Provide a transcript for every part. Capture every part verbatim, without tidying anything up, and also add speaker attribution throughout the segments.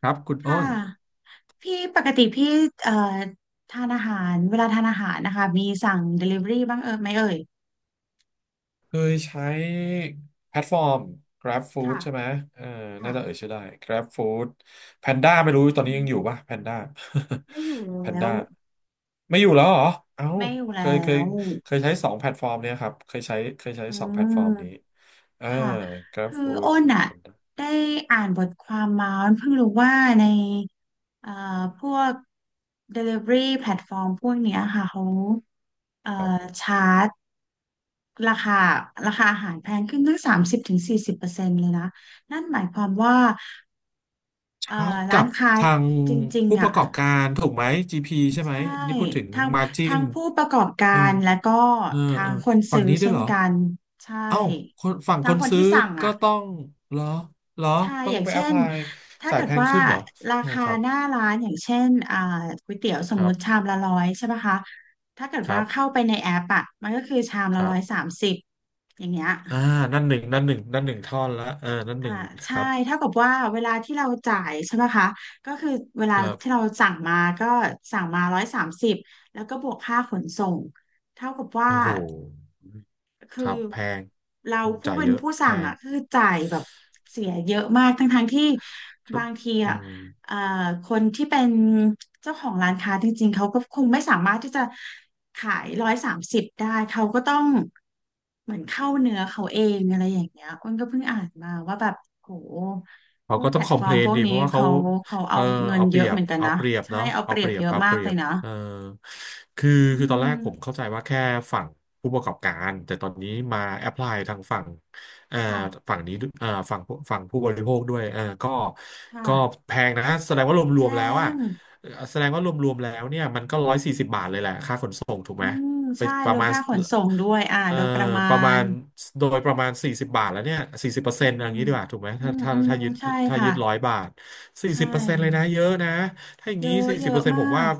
Speaker 1: ครับคุณอ้
Speaker 2: ค่ะ
Speaker 1: น
Speaker 2: พี่ปกติพี่เอ่อทานอาหารเวลาทานอาหารนะคะมีสั่ง Delivery บ้างเออไหมเอ่ย
Speaker 1: เคยใช้แพลตฟอร์ม Grab Food ใช่ไหม
Speaker 2: ค่ะ
Speaker 1: เออน่า
Speaker 2: ค่ะ
Speaker 1: จะเอ่ยชื่อได้ Grab Food Panda ไม่
Speaker 2: อื
Speaker 1: รู้ตอนนี้ยังอยู่
Speaker 2: ม
Speaker 1: ป่ะ Panda
Speaker 2: ไม่อยู่แล ้
Speaker 1: Panda
Speaker 2: ว
Speaker 1: ไม่อยู่แล้วเหรอเอ้า
Speaker 2: ไม่อยู่
Speaker 1: เค
Speaker 2: แล้
Speaker 1: ยเคย
Speaker 2: ว
Speaker 1: เคยใช้สองแพลตฟอร์มเนี่ยครับเคยใช้เคยใช้
Speaker 2: อื
Speaker 1: สองแพลต
Speaker 2: ม
Speaker 1: ฟอร์มนี้เออ
Speaker 2: ค่ะ
Speaker 1: Grab
Speaker 2: คืออ้
Speaker 1: Food
Speaker 2: นอ่ะ
Speaker 1: Panda
Speaker 2: ได้อ่านบทความมาอ้นเพิ่งรู้ว่าในเอ่อพวก Delivery แพลตฟอร์มพวกเนี้ยค่ะเขาเอ่อ
Speaker 1: ครับ
Speaker 2: ชาร์จ ราคาราคาอาหารแพงขึ้นตั้งสามสิบถึงสี่สิบเปอร์เซ็นต์เลยนะนั่นหมายความว่าเอ่อ
Speaker 1: ชาร์จกั
Speaker 2: ร้าน
Speaker 1: บ
Speaker 2: ค้า
Speaker 1: ทาง
Speaker 2: จริง
Speaker 1: ผู้
Speaker 2: ๆ
Speaker 1: ป
Speaker 2: อ่ะ
Speaker 1: ระกอบการถูกไหม จี พี ใช่ไหม
Speaker 2: ใช่
Speaker 1: นี่พูดถึง
Speaker 2: ทาง
Speaker 1: มาจิ
Speaker 2: ทาง
Speaker 1: น
Speaker 2: ผู้ประกอบกา
Speaker 1: เออ
Speaker 2: รและก็
Speaker 1: เออ
Speaker 2: ทา
Speaker 1: เออ
Speaker 2: งคน
Speaker 1: ฝั่ง
Speaker 2: ซื้อ
Speaker 1: นี้ด้ว
Speaker 2: เช่
Speaker 1: ยเห
Speaker 2: น
Speaker 1: รอ
Speaker 2: กันใช่
Speaker 1: เอ้าคนฝั่ง
Speaker 2: ทา
Speaker 1: ค
Speaker 2: ง
Speaker 1: น
Speaker 2: คน
Speaker 1: ซื้อ
Speaker 2: ที่สั่ง
Speaker 1: ก็
Speaker 2: อ่ะ
Speaker 1: ต้องเหรอเหรอ
Speaker 2: ใช่
Speaker 1: ต้อ
Speaker 2: อ
Speaker 1: ง
Speaker 2: ย่าง
Speaker 1: ไปแอ
Speaker 2: เช่
Speaker 1: พพ
Speaker 2: น
Speaker 1: ลาย
Speaker 2: ถ้า
Speaker 1: จ่าย
Speaker 2: เกิ
Speaker 1: แพ
Speaker 2: ด
Speaker 1: ง
Speaker 2: ว่า
Speaker 1: ขึ้นเหรอ
Speaker 2: รา
Speaker 1: โอ้
Speaker 2: คา
Speaker 1: ครับ
Speaker 2: หน้าร้านอย่างเช่นอ่าก๋วยเตี๋ยวส
Speaker 1: ค
Speaker 2: มม
Speaker 1: รั
Speaker 2: ติชา
Speaker 1: บ
Speaker 2: มละร้อยใช่ปะคะถ้าเกิด
Speaker 1: ครั
Speaker 2: ว่าเข้า
Speaker 1: บ
Speaker 2: ไปในแอปอ่ะมันก็คือชาม
Speaker 1: ค
Speaker 2: ละ
Speaker 1: รั
Speaker 2: ร้อยสา
Speaker 1: บ
Speaker 2: มสิบอย่างเงี้ย
Speaker 1: อ่านั่นหนึ่งนั่นหนึ่งนั่นหนึ่งท่อนละเออนั่นห
Speaker 2: อ่า
Speaker 1: นึ่งค
Speaker 2: ใช่
Speaker 1: รับ
Speaker 2: เท่ากับว่าเวลาที่เราจ่ายใช่ไหมคะก็คือเวลา
Speaker 1: ครั
Speaker 2: ที่เรา
Speaker 1: บ
Speaker 2: สั่งมาก็สั่งมาร้อยสามสิบแล้วก็บวกค่าขนส่งเท่ากับว่า
Speaker 1: โอ้โหค
Speaker 2: คือ
Speaker 1: รับแพง
Speaker 2: เรา
Speaker 1: อืม
Speaker 2: ผู้
Speaker 1: จ่าย
Speaker 2: เป็
Speaker 1: เย
Speaker 2: น
Speaker 1: อะ
Speaker 2: ผู้
Speaker 1: แพ
Speaker 2: สั่ง
Speaker 1: ง
Speaker 2: อ่ะคือจ่ายแบบเสียเยอะมากทั้งทั้งที่
Speaker 1: ครั
Speaker 2: บา
Speaker 1: บ
Speaker 2: งที
Speaker 1: อื
Speaker 2: อ่ะ
Speaker 1: ม
Speaker 2: เอ่อคนที่เป็นเจ้าของร้านค้าจริงๆเขาก็คงไม่สามารถที่จะขายร้อยสามสิบได้เขาก็ต้องเหมือนเข้าเนื้อเขาเองอะไรอย่างเงี้ยอ้นก็เพิ่งอ่านมาว่าแบบโหพ
Speaker 1: เขา
Speaker 2: วก
Speaker 1: ก็
Speaker 2: แพ
Speaker 1: ต้อ
Speaker 2: ล
Speaker 1: งค
Speaker 2: ต
Speaker 1: อ
Speaker 2: ฟ
Speaker 1: ม
Speaker 2: อ
Speaker 1: เพ
Speaker 2: ร์
Speaker 1: ล
Speaker 2: มพ
Speaker 1: น
Speaker 2: วก
Speaker 1: ดิ
Speaker 2: นี้
Speaker 1: เพราะว่าเขา
Speaker 2: เขาเขาเอา
Speaker 1: เขา
Speaker 2: เงิน
Speaker 1: เอาเป
Speaker 2: เย
Speaker 1: รี
Speaker 2: อะ
Speaker 1: ย
Speaker 2: เห
Speaker 1: บ
Speaker 2: มือนกัน
Speaker 1: เอา
Speaker 2: นะ
Speaker 1: เปรียบ
Speaker 2: ใช่
Speaker 1: เนาะ
Speaker 2: เอาเป
Speaker 1: เอา
Speaker 2: รี
Speaker 1: เป
Speaker 2: ยบ
Speaker 1: รียบ
Speaker 2: เยอะ
Speaker 1: เอา
Speaker 2: มา
Speaker 1: เป
Speaker 2: ก
Speaker 1: รี
Speaker 2: เล
Speaker 1: ย
Speaker 2: ย
Speaker 1: บ
Speaker 2: นะ
Speaker 1: เออคือ
Speaker 2: อื
Speaker 1: คือตอนแร
Speaker 2: ม
Speaker 1: กผมเข้าใจว่าแค่ฝั่งผู้ประกอบการแต่ตอนนี้มาแอพพลายทางฝั่งเอ่อ
Speaker 2: ค่ะ
Speaker 1: ฝั่งนี้ด้วยเอ่อฝั่งผู้ฝั่งผู้บริโภคด้วยเออก็
Speaker 2: ค่ะ
Speaker 1: ก็แพงนะแสดงว่าร
Speaker 2: แพ
Speaker 1: วมๆแล้วอะ
Speaker 2: ง
Speaker 1: แสดงว่ารวมๆแล้วเนี่ยมันก็ร้อยสี่สิบบาทเลยแหละค่าขนส่งถูก
Speaker 2: อื
Speaker 1: ไหม
Speaker 2: ม
Speaker 1: ไป
Speaker 2: ใช่
Speaker 1: ป
Speaker 2: ร
Speaker 1: ระ
Speaker 2: วม
Speaker 1: มาณ
Speaker 2: ค่าขนส่งด้วยอ่า
Speaker 1: เอ่อ
Speaker 2: โดยประมา
Speaker 1: ประมา
Speaker 2: ณ
Speaker 1: ณโดยประมาณสี่สิบบาทแล้วเนี่ยสี่สิบเปอร์
Speaker 2: อื
Speaker 1: เซ็นต์อ
Speaker 2: ม
Speaker 1: ย่างนี้ดีกว่าถูกไหม
Speaker 2: อื
Speaker 1: ถ้า
Speaker 2: ม
Speaker 1: ถ้า
Speaker 2: อืม
Speaker 1: ถ้ายึด
Speaker 2: ใช่
Speaker 1: ถ้า
Speaker 2: ค่ะ
Speaker 1: ยึดร้อยบาทสี่
Speaker 2: ใช่
Speaker 1: สิบเปอร์เซ็นต์เลยนะเยอะนะถ้าอย่าง
Speaker 2: เย
Speaker 1: นี้
Speaker 2: อะ
Speaker 1: สี่
Speaker 2: เย
Speaker 1: สิบเปอ
Speaker 2: อะ
Speaker 1: ร์เซ็นต์
Speaker 2: มา
Speaker 1: ผมว่า
Speaker 2: ก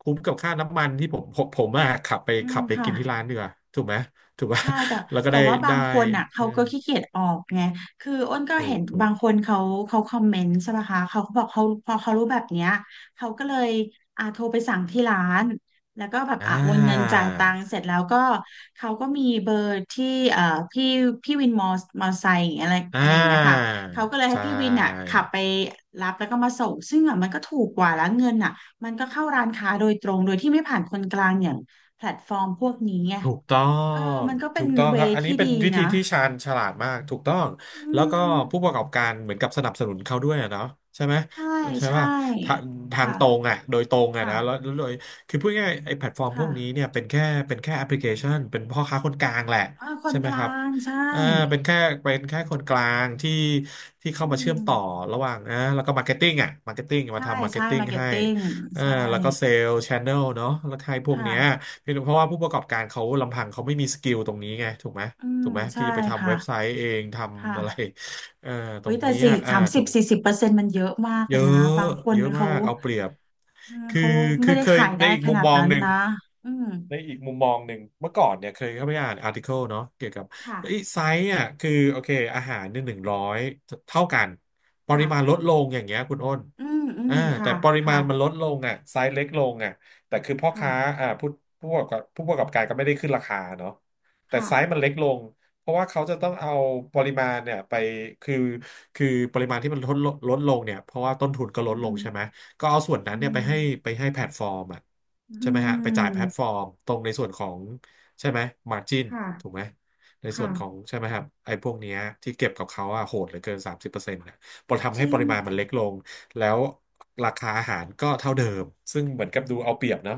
Speaker 1: คุ้มกับค่าน้ำมันที่ผมผมผมอะขับไป
Speaker 2: อืม
Speaker 1: ขับไป
Speaker 2: ค่ะ
Speaker 1: กินที่ร้านดีกว่าถูกไหมถูกป่ะ
Speaker 2: ใช่แต่
Speaker 1: แล้วก็
Speaker 2: แต่
Speaker 1: ได้
Speaker 2: ว่าบา
Speaker 1: ได้
Speaker 2: งคนอ่ะ
Speaker 1: เอ
Speaker 2: เขา
Speaker 1: อ
Speaker 2: ก็ขี้เกียจออกไงคืออ้นก็
Speaker 1: ถู
Speaker 2: เห็
Speaker 1: ก
Speaker 2: น
Speaker 1: ถู
Speaker 2: บา
Speaker 1: ก
Speaker 2: งคนเขาเขาคอมเมนต์ใช่ไหมคะเขาก็บอกเขาพอเขารู้แบบเนี้ยเขาก็เลยอ่าโทรไปสั่งที่ร้านแล้วก็แบบ
Speaker 1: อ่า
Speaker 2: อ่ะโอนเงินจ่ายตังค์เสร็จแล้วก็เขาก็มีเบอร์ที่เอ่อพี่พี่วินมอมอไซค์อย่างอะไร
Speaker 1: อ่
Speaker 2: อะไรอย่างเงี้ยค่ะ
Speaker 1: า
Speaker 2: เขาก็เลยให้
Speaker 1: ใช่
Speaker 2: พี่วินอ่ะขับไปรับแล้วก็มาส่งซึ่งอ่ะมันก็ถูกกว่าแล้วเงินอ่ะมันก็เข้าร้านค้าโดยตรงโดยที่ไม่ผ่านคนกลางอย่างแพลตฟอร์มพวกนี้ไง
Speaker 1: ถูกต้อ
Speaker 2: เออ
Speaker 1: ง
Speaker 2: มันก็เป็
Speaker 1: ถู
Speaker 2: น
Speaker 1: กต้อง
Speaker 2: เว
Speaker 1: ครับ
Speaker 2: ย์
Speaker 1: อันนี้
Speaker 2: ที่
Speaker 1: เป็
Speaker 2: ดี
Speaker 1: นวิธี
Speaker 2: นะ
Speaker 1: ที่ชาญฉลาดมาก ถูกต้อง
Speaker 2: อื
Speaker 1: แล้วก็
Speaker 2: ม
Speaker 1: ผู้ประกอบการเหมือนกับสนับสนุนเขาด้วยอะเนาะใช่ไหม
Speaker 2: ใช่
Speaker 1: ใช่
Speaker 2: ใช่
Speaker 1: ป่ะทางทาง
Speaker 2: ค่ะ
Speaker 1: ตรงอ่ะโดยตรงอ่ะ
Speaker 2: ค่ะ
Speaker 1: นะแล้วแล้วโดยคือพูดง่ายๆไอ้แพลตฟอร์มพ
Speaker 2: ค่ะ
Speaker 1: วกนี้เนี่ยเป็นแค่เป็นแค่แอปพลิเคชันเป็นพ่อค้าคนกลางแหละ
Speaker 2: เออคน
Speaker 1: ใช่ไห
Speaker 2: ก
Speaker 1: ม
Speaker 2: ลา
Speaker 1: ครับ
Speaker 2: งใช่
Speaker 1: อ่าเป็นแค่เป็นแค่คนกลางที่ที่เข้า
Speaker 2: อื
Speaker 1: มาเชื่อ
Speaker 2: ม
Speaker 1: มต่อระหว่างอ่าแล้วก็มาร์เก็ตติ้งอ่ะมาร์เก็ตติ้งมา
Speaker 2: ใช่
Speaker 1: ทำมาร์เก็
Speaker 2: ใช่
Speaker 1: ตติ้ง
Speaker 2: มาร์เก็ต
Speaker 1: ให้
Speaker 2: ติ้ง
Speaker 1: เอ่า
Speaker 2: ใช่
Speaker 1: แล้วก็เซลล์ชานเนลเนาะแล้วให้พวก
Speaker 2: ค่ะ
Speaker 1: เนี้ย คือเพราะว่าผู้ประกอบการเขาลำพังเขาไม่มีสกิลตรงนี้ไงถูกไหม
Speaker 2: อืม
Speaker 1: ถูกไหม
Speaker 2: ใช่
Speaker 1: ที่จะไปทำ
Speaker 2: ค่ะ
Speaker 1: เว็บไซต์เองท
Speaker 2: ค
Speaker 1: ำอะไร
Speaker 2: ่ะ
Speaker 1: เอ่อตร
Speaker 2: วิ
Speaker 1: ง
Speaker 2: แต่
Speaker 1: นี้
Speaker 2: สี่
Speaker 1: อ่ะอ่า
Speaker 2: สามสิ
Speaker 1: ถู
Speaker 2: บ
Speaker 1: ก
Speaker 2: สี่สิบเปอร์เซ็นต์มันเยอะมากเล
Speaker 1: เยอ
Speaker 2: ยนะ
Speaker 1: ะ
Speaker 2: บางคน
Speaker 1: เยอะมา
Speaker 2: เขา
Speaker 1: กเอาเปรียบ
Speaker 2: เออ
Speaker 1: คือ
Speaker 2: เขา
Speaker 1: คื
Speaker 2: ไม่
Speaker 1: อ
Speaker 2: ได้
Speaker 1: เคย
Speaker 2: ขาย
Speaker 1: ใน
Speaker 2: ได้
Speaker 1: อีก
Speaker 2: ข
Speaker 1: มุม
Speaker 2: นาด
Speaker 1: มอง
Speaker 2: นั้น
Speaker 1: หนึ่ง
Speaker 2: นะอืม
Speaker 1: ในอีกมุมมองหนึ่งเมื่อก่อนเนี่ยเคยเข้าไปอ่านอาร์ติเคิลเนาะเกี่ยวกับ
Speaker 2: ค่ะ
Speaker 1: เฮ้ยไซส์อ่ะคือโอเคอาหารเนี่ยหนึ่งร้อยเท่ากันปริมาณล
Speaker 2: ค่ะ
Speaker 1: ดลงอย่างเงี้ยคุณอ้น
Speaker 2: อืมอืม
Speaker 1: อ่า
Speaker 2: ค่ะ
Speaker 1: แต่ปริมา
Speaker 2: ค่ะ
Speaker 1: ณมันลดลงอ่ะไซส์เล็กลงอ่ะแต่คือพ่อ
Speaker 2: ค่ะ
Speaker 1: ค้าอ่าผู้ผู้ประกอบผู้ประกอบการก็ไม่ได้ขึ้นราคาเนาะแต่
Speaker 2: ค่ะ
Speaker 1: ไซส์มันเล็กลงเพราะว่าเขาจะต้องเอาปริมาณเนี่ยไปคือคือปริมาณที่มันลดลงลดลงเนี่ยเพราะว่าต้นทุนก็ล
Speaker 2: อื
Speaker 1: ดลง
Speaker 2: ม
Speaker 1: ใช่ไหม ก็เอาส่วนนั้น
Speaker 2: อื
Speaker 1: เนี่ยไปให้ไป
Speaker 2: ม
Speaker 1: ให้แพลตฟอร์มอ่ะ
Speaker 2: อื
Speaker 1: ใช่ไหมฮะไปจ่ายแพลตฟ
Speaker 2: ม
Speaker 1: อร์มตรงในส่วนของใช่ไหมมาร์จิน
Speaker 2: ค่ะ
Speaker 1: ถูกไหมในส่
Speaker 2: ค่ะ
Speaker 1: วนของใช่ไหมครับไอ้พวกเนี้ยที่เก็บกับเขาอะโหดเหลือเกินสามสิบเปอร์เซ็นต์นะพอทำ
Speaker 2: จ
Speaker 1: ให้
Speaker 2: ริ
Speaker 1: ป
Speaker 2: ง
Speaker 1: ริมาณมันเล็กลงแล้วราคาอาหารก็เท่าเดิมซึ่งเหมือนกับดูเอาเปรียบเนาะ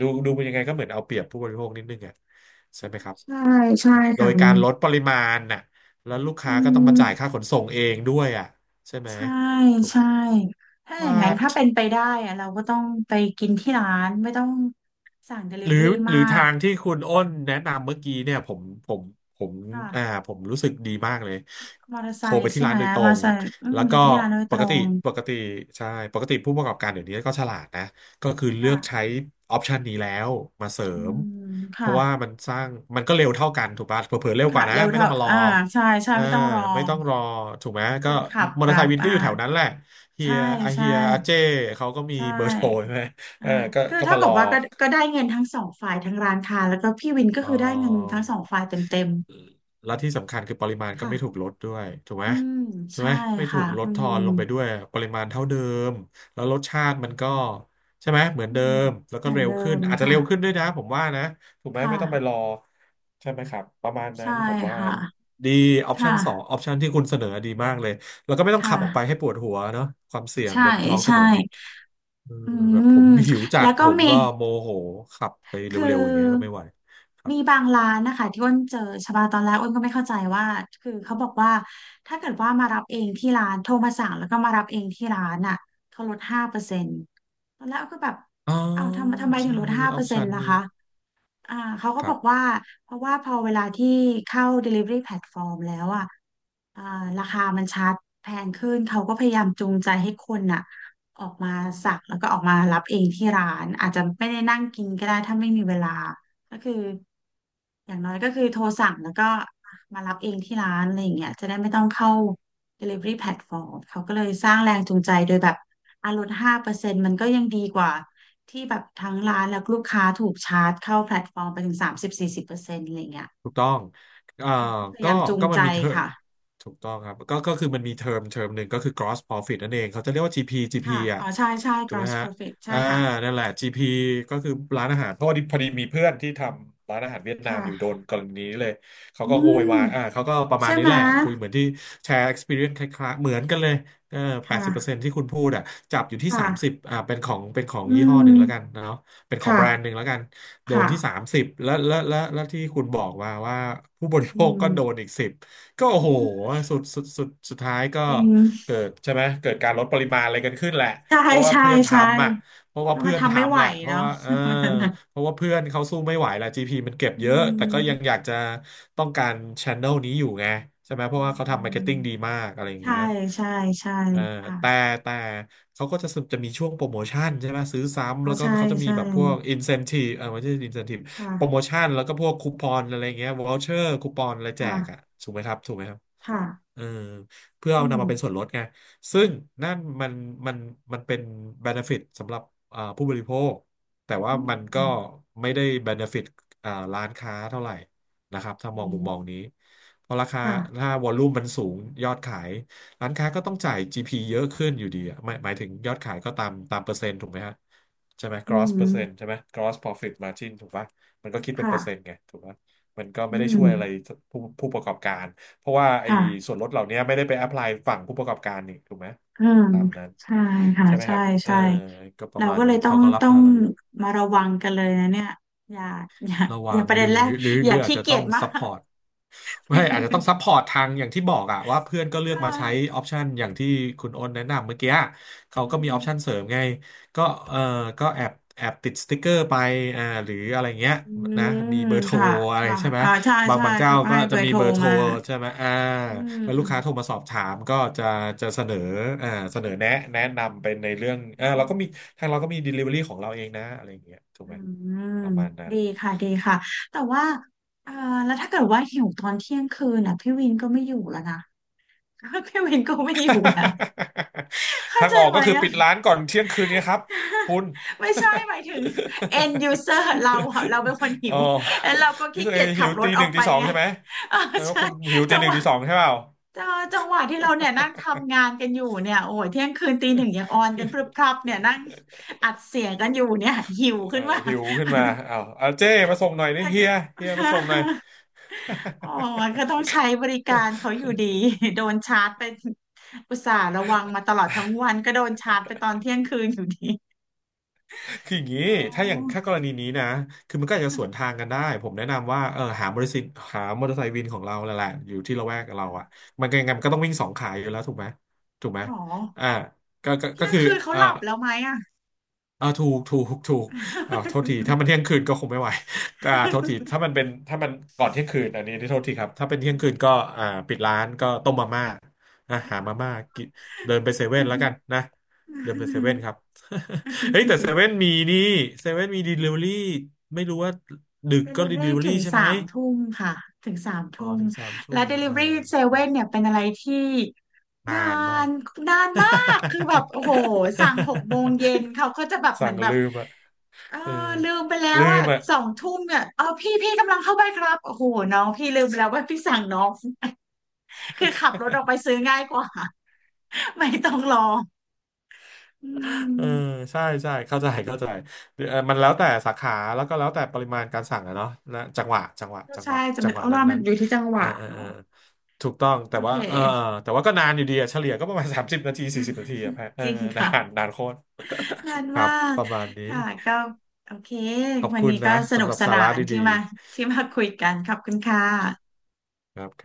Speaker 1: ดูดูเป็นยังไงก็เหมือนเอาเปรียบผู้บริโภคนิดนึงอ่ะใช่ไหมครับ
Speaker 2: ใช่ใช่
Speaker 1: โด
Speaker 2: ค่ะ
Speaker 1: ย
Speaker 2: คุณ
Speaker 1: การลดปริมาณน่ะแล้วลูกค้า
Speaker 2: อื
Speaker 1: ก็ต้องมา
Speaker 2: ม
Speaker 1: จ่ายค่าขนส่งเองด้วยอ่ะใช่ไหม
Speaker 2: ใช่
Speaker 1: ถูก
Speaker 2: ใช่ถ้าอย่าง
Speaker 1: ว่า
Speaker 2: นั้นถ้าเป็นไปได้อะเราก็ต้องไปกินที่ร้านไม่ต้องสั่ง
Speaker 1: หรือ
Speaker 2: Delivery
Speaker 1: หรื
Speaker 2: มา
Speaker 1: อทา
Speaker 2: ก
Speaker 1: งที่คุณอ้นแนะนำเมื่อกี้เนี่ยผมผมผม
Speaker 2: ค่ะ
Speaker 1: อ่าผมรู้สึกดีมากเลย
Speaker 2: มอเตอร์ไซ
Speaker 1: โทรไป
Speaker 2: ค์
Speaker 1: ที่
Speaker 2: ใช่ไห
Speaker 1: ร้า
Speaker 2: ม
Speaker 1: นโดยตร
Speaker 2: มอเตอ
Speaker 1: ง
Speaker 2: ร์ไซค์อืม
Speaker 1: แล้ว
Speaker 2: เรา
Speaker 1: ก็
Speaker 2: ไปที่ร้านโดย
Speaker 1: ป
Speaker 2: ตร
Speaker 1: กติ
Speaker 2: ง
Speaker 1: ปกติใช่ปกติผู้ประกอบการเดี๋ยวนี้ก็ฉลาดนะก็คือเลือกใช้
Speaker 2: ค่ะ
Speaker 1: ออปชันนี้แล้วมาเสริ
Speaker 2: อื
Speaker 1: ม
Speaker 2: ม
Speaker 1: เพ
Speaker 2: ค่ะ
Speaker 1: ราะว่ามันสร้างมันก็เร็วเท่ากันถูกป่ะเผลอๆเร็วก
Speaker 2: ค่ะ
Speaker 1: ว่านะ
Speaker 2: เร็ว
Speaker 1: ไม่ต้
Speaker 2: เท่า
Speaker 1: องมารอ
Speaker 2: อ่าใช่ใช่
Speaker 1: เออ
Speaker 2: ไม่ต้องรอ
Speaker 1: ไม่ต้องรอถูกไหม
Speaker 2: ค
Speaker 1: ก็
Speaker 2: นขับ
Speaker 1: มอเตอร์ไซ
Speaker 2: รับ
Speaker 1: ค์วินก็อ
Speaker 2: อ่า
Speaker 1: ยู่แถวนั้นแหละเฮี
Speaker 2: ใช่
Speaker 1: ยอาเฮี
Speaker 2: ใช่
Speaker 1: ยอาเจ้เขาก็มี
Speaker 2: ใช่
Speaker 1: เบอร์โทรใช่ไหมเอ
Speaker 2: อ่า
Speaker 1: อก็
Speaker 2: คือ
Speaker 1: ก็
Speaker 2: เท่า
Speaker 1: มาร
Speaker 2: กั
Speaker 1: อ
Speaker 2: บว่าก็ก็ได้เงินทั้งสองฝ่ายทั้งร้านค้าแล้วก็พี่วินก็
Speaker 1: เอ
Speaker 2: คือได้เงิน
Speaker 1: อ
Speaker 2: ทั้งสองฝ่ายเต็ม
Speaker 1: แล้วที่สำคัญคือปริมาณ
Speaker 2: ๆ
Speaker 1: ก็
Speaker 2: ค่ะ
Speaker 1: ไม่ถูกลดด้วยถูกไหม
Speaker 2: อืม
Speaker 1: ถูก
Speaker 2: ใช่
Speaker 1: ไหมไม่ถู
Speaker 2: ค่ะ
Speaker 1: กล
Speaker 2: อื
Speaker 1: ดทอ
Speaker 2: ม
Speaker 1: นลงไปด้วยปริมาณเท่าเดิมแล้วรสชาติมันก็ใช่ไหมเหมือน
Speaker 2: อื
Speaker 1: เดิ
Speaker 2: ม
Speaker 1: มแล้ว
Speaker 2: เห
Speaker 1: ก็
Speaker 2: มือน
Speaker 1: เร็ว
Speaker 2: เดิ
Speaker 1: ขึ้น
Speaker 2: ม
Speaker 1: อาจจะ
Speaker 2: ค่ะ
Speaker 1: เร็วขึ้นด้วยนะผมว่านะถูกไหม
Speaker 2: ค่ะ
Speaker 1: ไม่ต้องไปรอใช่ไหมครับประมาณนั้
Speaker 2: ใช่
Speaker 1: นผมว่า
Speaker 2: ค่ะ
Speaker 1: ดีออปชั
Speaker 2: ค่ะ
Speaker 1: นสองออปชันที่คุณเสนอดีมากเลยแล้วก็ไม่
Speaker 2: ค
Speaker 1: ต้องขับออกไปให้
Speaker 2: ่ะ
Speaker 1: ปวดหัวเนาะความเสี่ยง
Speaker 2: ใช่
Speaker 1: บนท้องถ
Speaker 2: ใช่
Speaker 1: นนอีกเออ
Speaker 2: อื
Speaker 1: แบบผม
Speaker 2: ม
Speaker 1: หิวจั
Speaker 2: แล้
Speaker 1: ด
Speaker 2: ว
Speaker 1: ผ
Speaker 2: ก็
Speaker 1: ม
Speaker 2: มี
Speaker 1: ก็โมโหขับไป
Speaker 2: คื
Speaker 1: เร็
Speaker 2: อ
Speaker 1: วๆอย่างเงี้ยก็ไม่ไหวครับ
Speaker 2: มีบางร้านนะคะที่อ้นเจอชบาตอนแรกอ้นก็ไม่เข้าใจว่าคือเขาบอกว่าถ้าเกิดว่ามารับเองที่ร้านโทรมาสั่งแล้วก็มารับเองที่ร้านอ่ะเขาลดห้าเปอร์เซ็นต์ตอนแรกอ้นก็แบบ
Speaker 1: อ๋อ
Speaker 2: อ้าวทำทำไมถึ
Speaker 1: ใช่
Speaker 2: งลด
Speaker 1: เออ
Speaker 2: ห้า
Speaker 1: มีอ
Speaker 2: เปอ
Speaker 1: อป
Speaker 2: ร์เซ็น
Speaker 1: ชัน
Speaker 2: ต์ล่ะ
Speaker 1: นี้
Speaker 2: คะอ่าเขาก็
Speaker 1: ครั
Speaker 2: บอก
Speaker 1: บ
Speaker 2: ว่าเพราะว่าพอเวลาที่เข้า delivery platform แล้วอ่ะอ่าราคามันชัดแพงขึ้นเขาก็พยายามจูงใจให้คนอ่ะ ออกมาสั่งแล้วก็ออกมารับเองที่ร้านอาจจะไม่ได้นั่งกินก็ได้ถ้าไม่มีเวลาก็คืออย่างน้อยก็คือโทรสั่งแล้วก็มารับเองที่ร้านอะไรอย่างเงี้ยจะได้ไม่ต้องเข้า delivery platform เขาก็เลยสร้างแรงจูงใจโดยแบบอาลดห้าเปอร์เซ็นต์มันก็ยังดีกว่าที่แบบทั้งร้านแล้วลูกค้าถูกชาร์จเข้าแพลตฟอร์มไปถึงสามสิบสี่สิบเปอร์เซ็นต์อะไรเงี้ย
Speaker 1: ถูกต้องเอ่อ
Speaker 2: เขาก็พยา
Speaker 1: ก็
Speaker 2: ยามจูง
Speaker 1: ก็มั
Speaker 2: ใจ
Speaker 1: นมีเทอม
Speaker 2: ค่ะ
Speaker 1: ถูกต้องครับก็ก็คือมันมีเทอมเทอมหนึ่งก็คือ gross profit นั่นเองเขาจะเรียกว่า จี พี จี พี
Speaker 2: ค่ะ
Speaker 1: อ่ะ
Speaker 2: อ๋อใช่ใช่
Speaker 1: ถูกไหม
Speaker 2: gross
Speaker 1: ฮะ
Speaker 2: profit ใช่
Speaker 1: อ่า
Speaker 2: ค่ะ
Speaker 1: นั่นแหละ จี พี ก็คือร้านอาหารเพราะว่าพอดีมีเพื่อนที่ทำร้านอาหารเวียดนามอยู่โด
Speaker 2: ค่ะ
Speaker 1: นกรณีนี้เลย เขา
Speaker 2: อื
Speaker 1: ก็โวย
Speaker 2: ม
Speaker 1: วายอ่าเขาก็ประมา
Speaker 2: ใช่
Speaker 1: ณนี้
Speaker 2: ไหม
Speaker 1: แหละคุยเหมือนที่แชร์ experience คล้ายๆเหมือนกันเลยเออแปด
Speaker 2: ค่ะ
Speaker 1: สิบเปอร์เซ็นที่คุณพูดอ่ะจับอยู่ที่
Speaker 2: ค่ะ
Speaker 1: สามสิบอ่าเป็นของเป็นของ
Speaker 2: อื
Speaker 1: ยี่ห้อหนึ่
Speaker 2: ม
Speaker 1: งแล้วกันเนาะเป็นของ
Speaker 2: ค่ะ
Speaker 1: แบรนด์หนึ่งแล้วกัน โดน
Speaker 2: ค่ะ
Speaker 1: ที่สามสิบแล้วแล้วแล้วแล้วที่คุณบอกมาว่าผู้บริโภ
Speaker 2: อื
Speaker 1: ค
Speaker 2: ม
Speaker 1: ก็โดนอีกสิบก็โอ้โหสุดสุดสุดสุดท้ายก็
Speaker 2: จริง
Speaker 1: เกิดใช่ไหมเกิดการลดปริมาณอะไรกันขึ้นแหละ
Speaker 2: ใช่
Speaker 1: เพราะว่า
Speaker 2: ใช่
Speaker 1: เพื่อน
Speaker 2: ใช่
Speaker 1: ทำอ่ะเพราะว่า
Speaker 2: ก็
Speaker 1: เพื่
Speaker 2: มา
Speaker 1: อน
Speaker 2: ทำไม่ไห
Speaker 1: ทำ
Speaker 2: ว
Speaker 1: แหละ เพราะ
Speaker 2: เนาะ
Speaker 1: ว่าเออ
Speaker 2: วันนั้นน่ะ
Speaker 1: เพราะว่าเพื่อนเขาสู้ไม่ไหวละ จี พี มันเก็บ
Speaker 2: อื
Speaker 1: เยอะแต่ก็ยังอยา
Speaker 2: ม
Speaker 1: กจะต้องการช n นลนี้อยู่ไงใช่ไหมเพ
Speaker 2: อื
Speaker 1: ราะว่าเขาทำมาร์เก็ต
Speaker 2: ม
Speaker 1: ติ้งดีมากอะไรอย่าง
Speaker 2: ใช่
Speaker 1: เงี้ย
Speaker 2: ใช่ใช่
Speaker 1: เออ
Speaker 2: ค่ะ
Speaker 1: แต่แต่เขาก็จะสจะมีช่วงโปรโมชั่นใช่ไหมซื้อซ้ำ
Speaker 2: เอา
Speaker 1: แล้วก็
Speaker 2: ใช่
Speaker 1: เขาจะมี
Speaker 2: ใช่
Speaker 1: แบบพวก incentive เออไม่ใช่ incentive
Speaker 2: ค
Speaker 1: โปรโม
Speaker 2: ่ะ
Speaker 1: ชั่นแล้วก็พวกคูปองอะไรเงี้ย voucher คูปองอะไรแจกอ่ะ
Speaker 2: ค่ะ
Speaker 1: ถูกไหมครับถูกไหมครับ
Speaker 2: ค่ะ
Speaker 1: เออเพื่อ
Speaker 2: อื
Speaker 1: เอา
Speaker 2: ม
Speaker 1: นำมาเป็นส่วนลดไงซึ่งนั่นมันมันมันเป็น benefit สำหรับอ่าผู้บริโภคแต่
Speaker 2: อ
Speaker 1: ว่ามันก็
Speaker 2: ืม
Speaker 1: ไม่ได้ benefit อ่าร้านค้าเท่าไหร่นะครับถ้ามอง
Speaker 2: อื
Speaker 1: มุมมอง
Speaker 2: ม
Speaker 1: นี้เพราะราคา
Speaker 2: ค่ะ
Speaker 1: ถ้าวอลลุ่มมันสูงยอดขายร้านค้าก็ต้องจ่าย จี พี เยอะขึ้นอยู่ดีอะหมายหมายถึงยอดขายก็ตามตามเปอร์เซ็นต์ถูกไหมฮะใช่ไหม
Speaker 2: อื
Speaker 1: gross เป
Speaker 2: ม
Speaker 1: อร์เซ็นต์ใช่ไหม gross profit margin ถูกปะมันก็คิดเป็น
Speaker 2: ค่ะ
Speaker 1: เปอร์เซ็นต์ไงถูกปะมันก็ไม่
Speaker 2: อื
Speaker 1: ได้ช่ว
Speaker 2: ม
Speaker 1: ยอะไรผู้ผู้ประกอบการ เพราะว่าไอ้
Speaker 2: ค่ะ
Speaker 1: ส่วนลดเหล่านี้ไม่ได้ไปแอพพลายฝั่งผู้ประกอบการนี่ถูกไหม
Speaker 2: อืม
Speaker 1: ตามนั้น
Speaker 2: ใช่ค่ะ
Speaker 1: ใช่ไหมค
Speaker 2: ใช่
Speaker 1: รับเออ
Speaker 2: ใช่
Speaker 1: ก็ป
Speaker 2: เรา
Speaker 1: ระมาณ
Speaker 2: ก็เล
Speaker 1: นั้
Speaker 2: ย
Speaker 1: น
Speaker 2: ต้อ
Speaker 1: เขา
Speaker 2: ง
Speaker 1: ก็รับ
Speaker 2: ต้อง
Speaker 1: ภาระเยอะ
Speaker 2: มาระวังกันเลยนะเนี่ยอย่าอย่า
Speaker 1: ระ
Speaker 2: อ
Speaker 1: วั
Speaker 2: ย่า
Speaker 1: ง
Speaker 2: ประ
Speaker 1: ห
Speaker 2: เด็
Speaker 1: รื
Speaker 2: น
Speaker 1: อ
Speaker 2: แรก
Speaker 1: หรือ
Speaker 2: อ
Speaker 1: ห
Speaker 2: ย่า
Speaker 1: รืออาจ
Speaker 2: ขี้
Speaker 1: จะ
Speaker 2: เกี
Speaker 1: ต้อ
Speaker 2: ย
Speaker 1: ง
Speaker 2: จมา
Speaker 1: ซัพพ
Speaker 2: ก
Speaker 1: อร์ตไม่อาจจะต้องซัพพอร์ตทางอย่างที่บอกอะว่าเพื่อนก็เลือก
Speaker 2: ค่ะ
Speaker 1: มาใช้ออปชันอย่างที่คุณโอ้นแนะนำเมื่อกี้อะเขา
Speaker 2: อื
Speaker 1: ก็มีออปชัน
Speaker 2: ม
Speaker 1: เสริมไงก็เออก็แอบแอบติดสติกเกอร์ไปอ่าหรืออะไรเงี้ย
Speaker 2: อื
Speaker 1: นะมี
Speaker 2: ม
Speaker 1: เบอร์โทร
Speaker 2: ค่ะ
Speaker 1: อะไร
Speaker 2: ค่ะ
Speaker 1: ใช่ไหม
Speaker 2: อ่าใช่
Speaker 1: บาง
Speaker 2: ใช่
Speaker 1: บางเจ้า
Speaker 2: เขาก็
Speaker 1: ก็
Speaker 2: ให้เบ
Speaker 1: จะ
Speaker 2: อร์
Speaker 1: มี
Speaker 2: โทร
Speaker 1: เบอร์โทร
Speaker 2: มา
Speaker 1: ใช่ไหมอ่า
Speaker 2: อืม
Speaker 1: แล้ว
Speaker 2: อื
Speaker 1: ลูก
Speaker 2: ม
Speaker 1: ค้าโทรมาสอบถามก็จะจะเสนออ่าเสนอแนะแนะนำเป็นในเรื่องอ่าเราก็มีทางเราก็มี Delivery ของเราเองนะอะไรเงี้ยถูก
Speaker 2: อื
Speaker 1: ไหม
Speaker 2: ม
Speaker 1: ประมาณนั้น
Speaker 2: ดีค่ะดีค่ะแต่ว่าเอ่อแล้วถ้าเกิดว่าหิวตอนเที่ยงคืนน่ะพี่วินก็ไม่อยู่แล้วนะ พี่วินก็ไม่อยู่แล้ว เข้า
Speaker 1: ทาง
Speaker 2: ใจ
Speaker 1: ออก
Speaker 2: ไหม
Speaker 1: ก็คือ
Speaker 2: อะ
Speaker 1: ปิดร้านก่อนเที่ยงคืนเนี้ครับคุ ณ
Speaker 2: ไม่ใช่หมายถึง end user เราอะเราเป็นคนหิ
Speaker 1: อ๋อ
Speaker 2: วแล้วเราก็
Speaker 1: นี่
Speaker 2: ขี้
Speaker 1: แสด
Speaker 2: เกี
Speaker 1: ง
Speaker 2: ยจ
Speaker 1: หิ
Speaker 2: ขับ
Speaker 1: ว
Speaker 2: ร
Speaker 1: ตี
Speaker 2: ถอ
Speaker 1: ห
Speaker 2: อ
Speaker 1: นึ่
Speaker 2: ก
Speaker 1: ง
Speaker 2: ไป
Speaker 1: ตีสอง
Speaker 2: ไง
Speaker 1: ใช่ไหม
Speaker 2: เออ
Speaker 1: แสดงว่า
Speaker 2: ใช่
Speaker 1: คุณหิวตี
Speaker 2: จัง
Speaker 1: หนึ่
Speaker 2: ห
Speaker 1: ง
Speaker 2: วะ
Speaker 1: ตีสองใช่เปล่า
Speaker 2: เออจังหวะที่เราเนี่ยนั่งทำงานกันอยู่เนี่ยโอ้ยเที่ยงคืนตีหนึ่งยังออนกันพรึบพรับเนี่ยนั่งอัดเสียงกันอยู่เนี่ยหิว
Speaker 1: เออ
Speaker 2: ขึ้นมา
Speaker 1: หิวขึ้นมาอ้าวเอาเจ้มาส่งหน่อยนี่เฮียเฮียมาส่งหน่อย
Speaker 2: โอ้มันก็ต้องใช้บริการเขา อยู่ดีโดนชาร์จไปอุตส่าห์ระวังมาตลอดทั้งวันก็โดนชาร์จไปตอนเที่ยงคืนอยู่ดี
Speaker 1: คืออย่างนี้
Speaker 2: โอ้
Speaker 1: ถ้าอย่างถ้ากรณีนี้นะคือมันก็อาจจะสวนทางกันได้ผมแนะนำว่าเออหาบริษัทหามอเตอร์ไซค์วินของเราแหละแหละอยู่ที่ละแวกกับเราอะ มันก็ยังไงมันก็ต้องวิ่งสองขาอยู่แล้วถูกไหมถูกไหม
Speaker 2: หนอ
Speaker 1: อ่าก็ก็ก็
Speaker 2: เที่ยง
Speaker 1: คือ
Speaker 2: คืนเขา
Speaker 1: เอ่อ
Speaker 2: หลับแล้วไหมอ่ะ
Speaker 1: อ่าถูกถูกถูกอ่าโทษทีถ้ามันเที่ยงคืนก็คงไม่ไหวอ่าโทษทีถ้ามันเป็นถ้ามันก่อนเที่ยงคืนอันนี้ที่โทษทีครับถ้าเป็นเที่ยงคืนก็อ่าปิดร้านก็ต้มมาม่านะหามาม่ากินเดินไปเซเว่นแล้วกันนะเดินไปเซเว่นครับ เฮ้ยแต่เซเว่นมีนี่เซเว่นมีด e ลิเวอรี่ไม่รู้ว่าดึก
Speaker 2: เด
Speaker 1: ก็
Speaker 2: ลิเว
Speaker 1: ด e
Speaker 2: อ
Speaker 1: ลิ
Speaker 2: รี่
Speaker 1: เวอ
Speaker 2: ถึ
Speaker 1: รี่
Speaker 2: ง
Speaker 1: ใช่ไหม
Speaker 2: สามทุ่มค่ะถึงสาม
Speaker 1: อ๋อ
Speaker 2: ทุ่ม
Speaker 1: ถึงสามทุ่
Speaker 2: และ
Speaker 1: ม
Speaker 2: เดลิเว
Speaker 1: อ่า
Speaker 2: อรี่เซเว่นเนี่ยเป็นอะไรที่
Speaker 1: นา
Speaker 2: นา
Speaker 1: นมาก
Speaker 2: นนานมากคือแบบโอ้โหสั่งหกโมงเย็น เขาก็จะแบบเหมื
Speaker 1: สั่
Speaker 2: อ
Speaker 1: ง
Speaker 2: นแบบ
Speaker 1: ลืมอ่ะ
Speaker 2: เออ
Speaker 1: เออ
Speaker 2: ลืมไปแล้ว
Speaker 1: ลืม
Speaker 2: อ่ะ
Speaker 1: อ่ะ
Speaker 2: สองทุ่มเนี่ยเออพี่พี่กำลังเข้าไปครับโอ้โหน้องพี่ลืมไปแล้วว่าพี่สั่งน้อง คือขับรถออกไปซื้อง่ายกว่าไม่ต้องรอ อื
Speaker 1: เออ
Speaker 2: ม
Speaker 1: ใช่ใช่เข้าใจเข้าใจเออมันแล้วแต่สาขาแล้วก็แล้วแต่ปริมาณการสั่งอะเนาะนะจังหวะจังหวะ
Speaker 2: ก็
Speaker 1: จังห
Speaker 2: ใช่
Speaker 1: วะ
Speaker 2: จะ
Speaker 1: จั
Speaker 2: เป็
Speaker 1: ง
Speaker 2: น
Speaker 1: หวะ
Speaker 2: โอ้
Speaker 1: นั้น
Speaker 2: ว่ามั
Speaker 1: นั้
Speaker 2: น
Speaker 1: น
Speaker 2: อยู่ที่จังห
Speaker 1: เออ
Speaker 2: วะ
Speaker 1: เออเอ
Speaker 2: เนาะ
Speaker 1: อถูกต้อง
Speaker 2: โอ
Speaker 1: แต่
Speaker 2: เค
Speaker 1: ว่าเออเออแต่ว่าก็นานอยู่ดีอะเฉลี่ยก็ประมาณ สามสิบนาทีสี่สิบนาทีอะแพะ เอ
Speaker 2: จ
Speaker 1: อ
Speaker 2: ริง
Speaker 1: นา
Speaker 2: ค่ะ
Speaker 1: นนานโคตร
Speaker 2: นาน
Speaker 1: ครั
Speaker 2: มา
Speaker 1: บ
Speaker 2: ก
Speaker 1: ประมาณนี้
Speaker 2: ค่ะก็โอเค
Speaker 1: ขอบ
Speaker 2: วัน
Speaker 1: คุณ
Speaker 2: นี้ก็
Speaker 1: นะ
Speaker 2: สนุ
Speaker 1: สำ
Speaker 2: ก
Speaker 1: หรับ
Speaker 2: ส
Speaker 1: สา
Speaker 2: นา
Speaker 1: ระ
Speaker 2: นที่
Speaker 1: ดี
Speaker 2: มาที่มาคุยกันขอบคุณค่ะ
Speaker 1: ๆครับ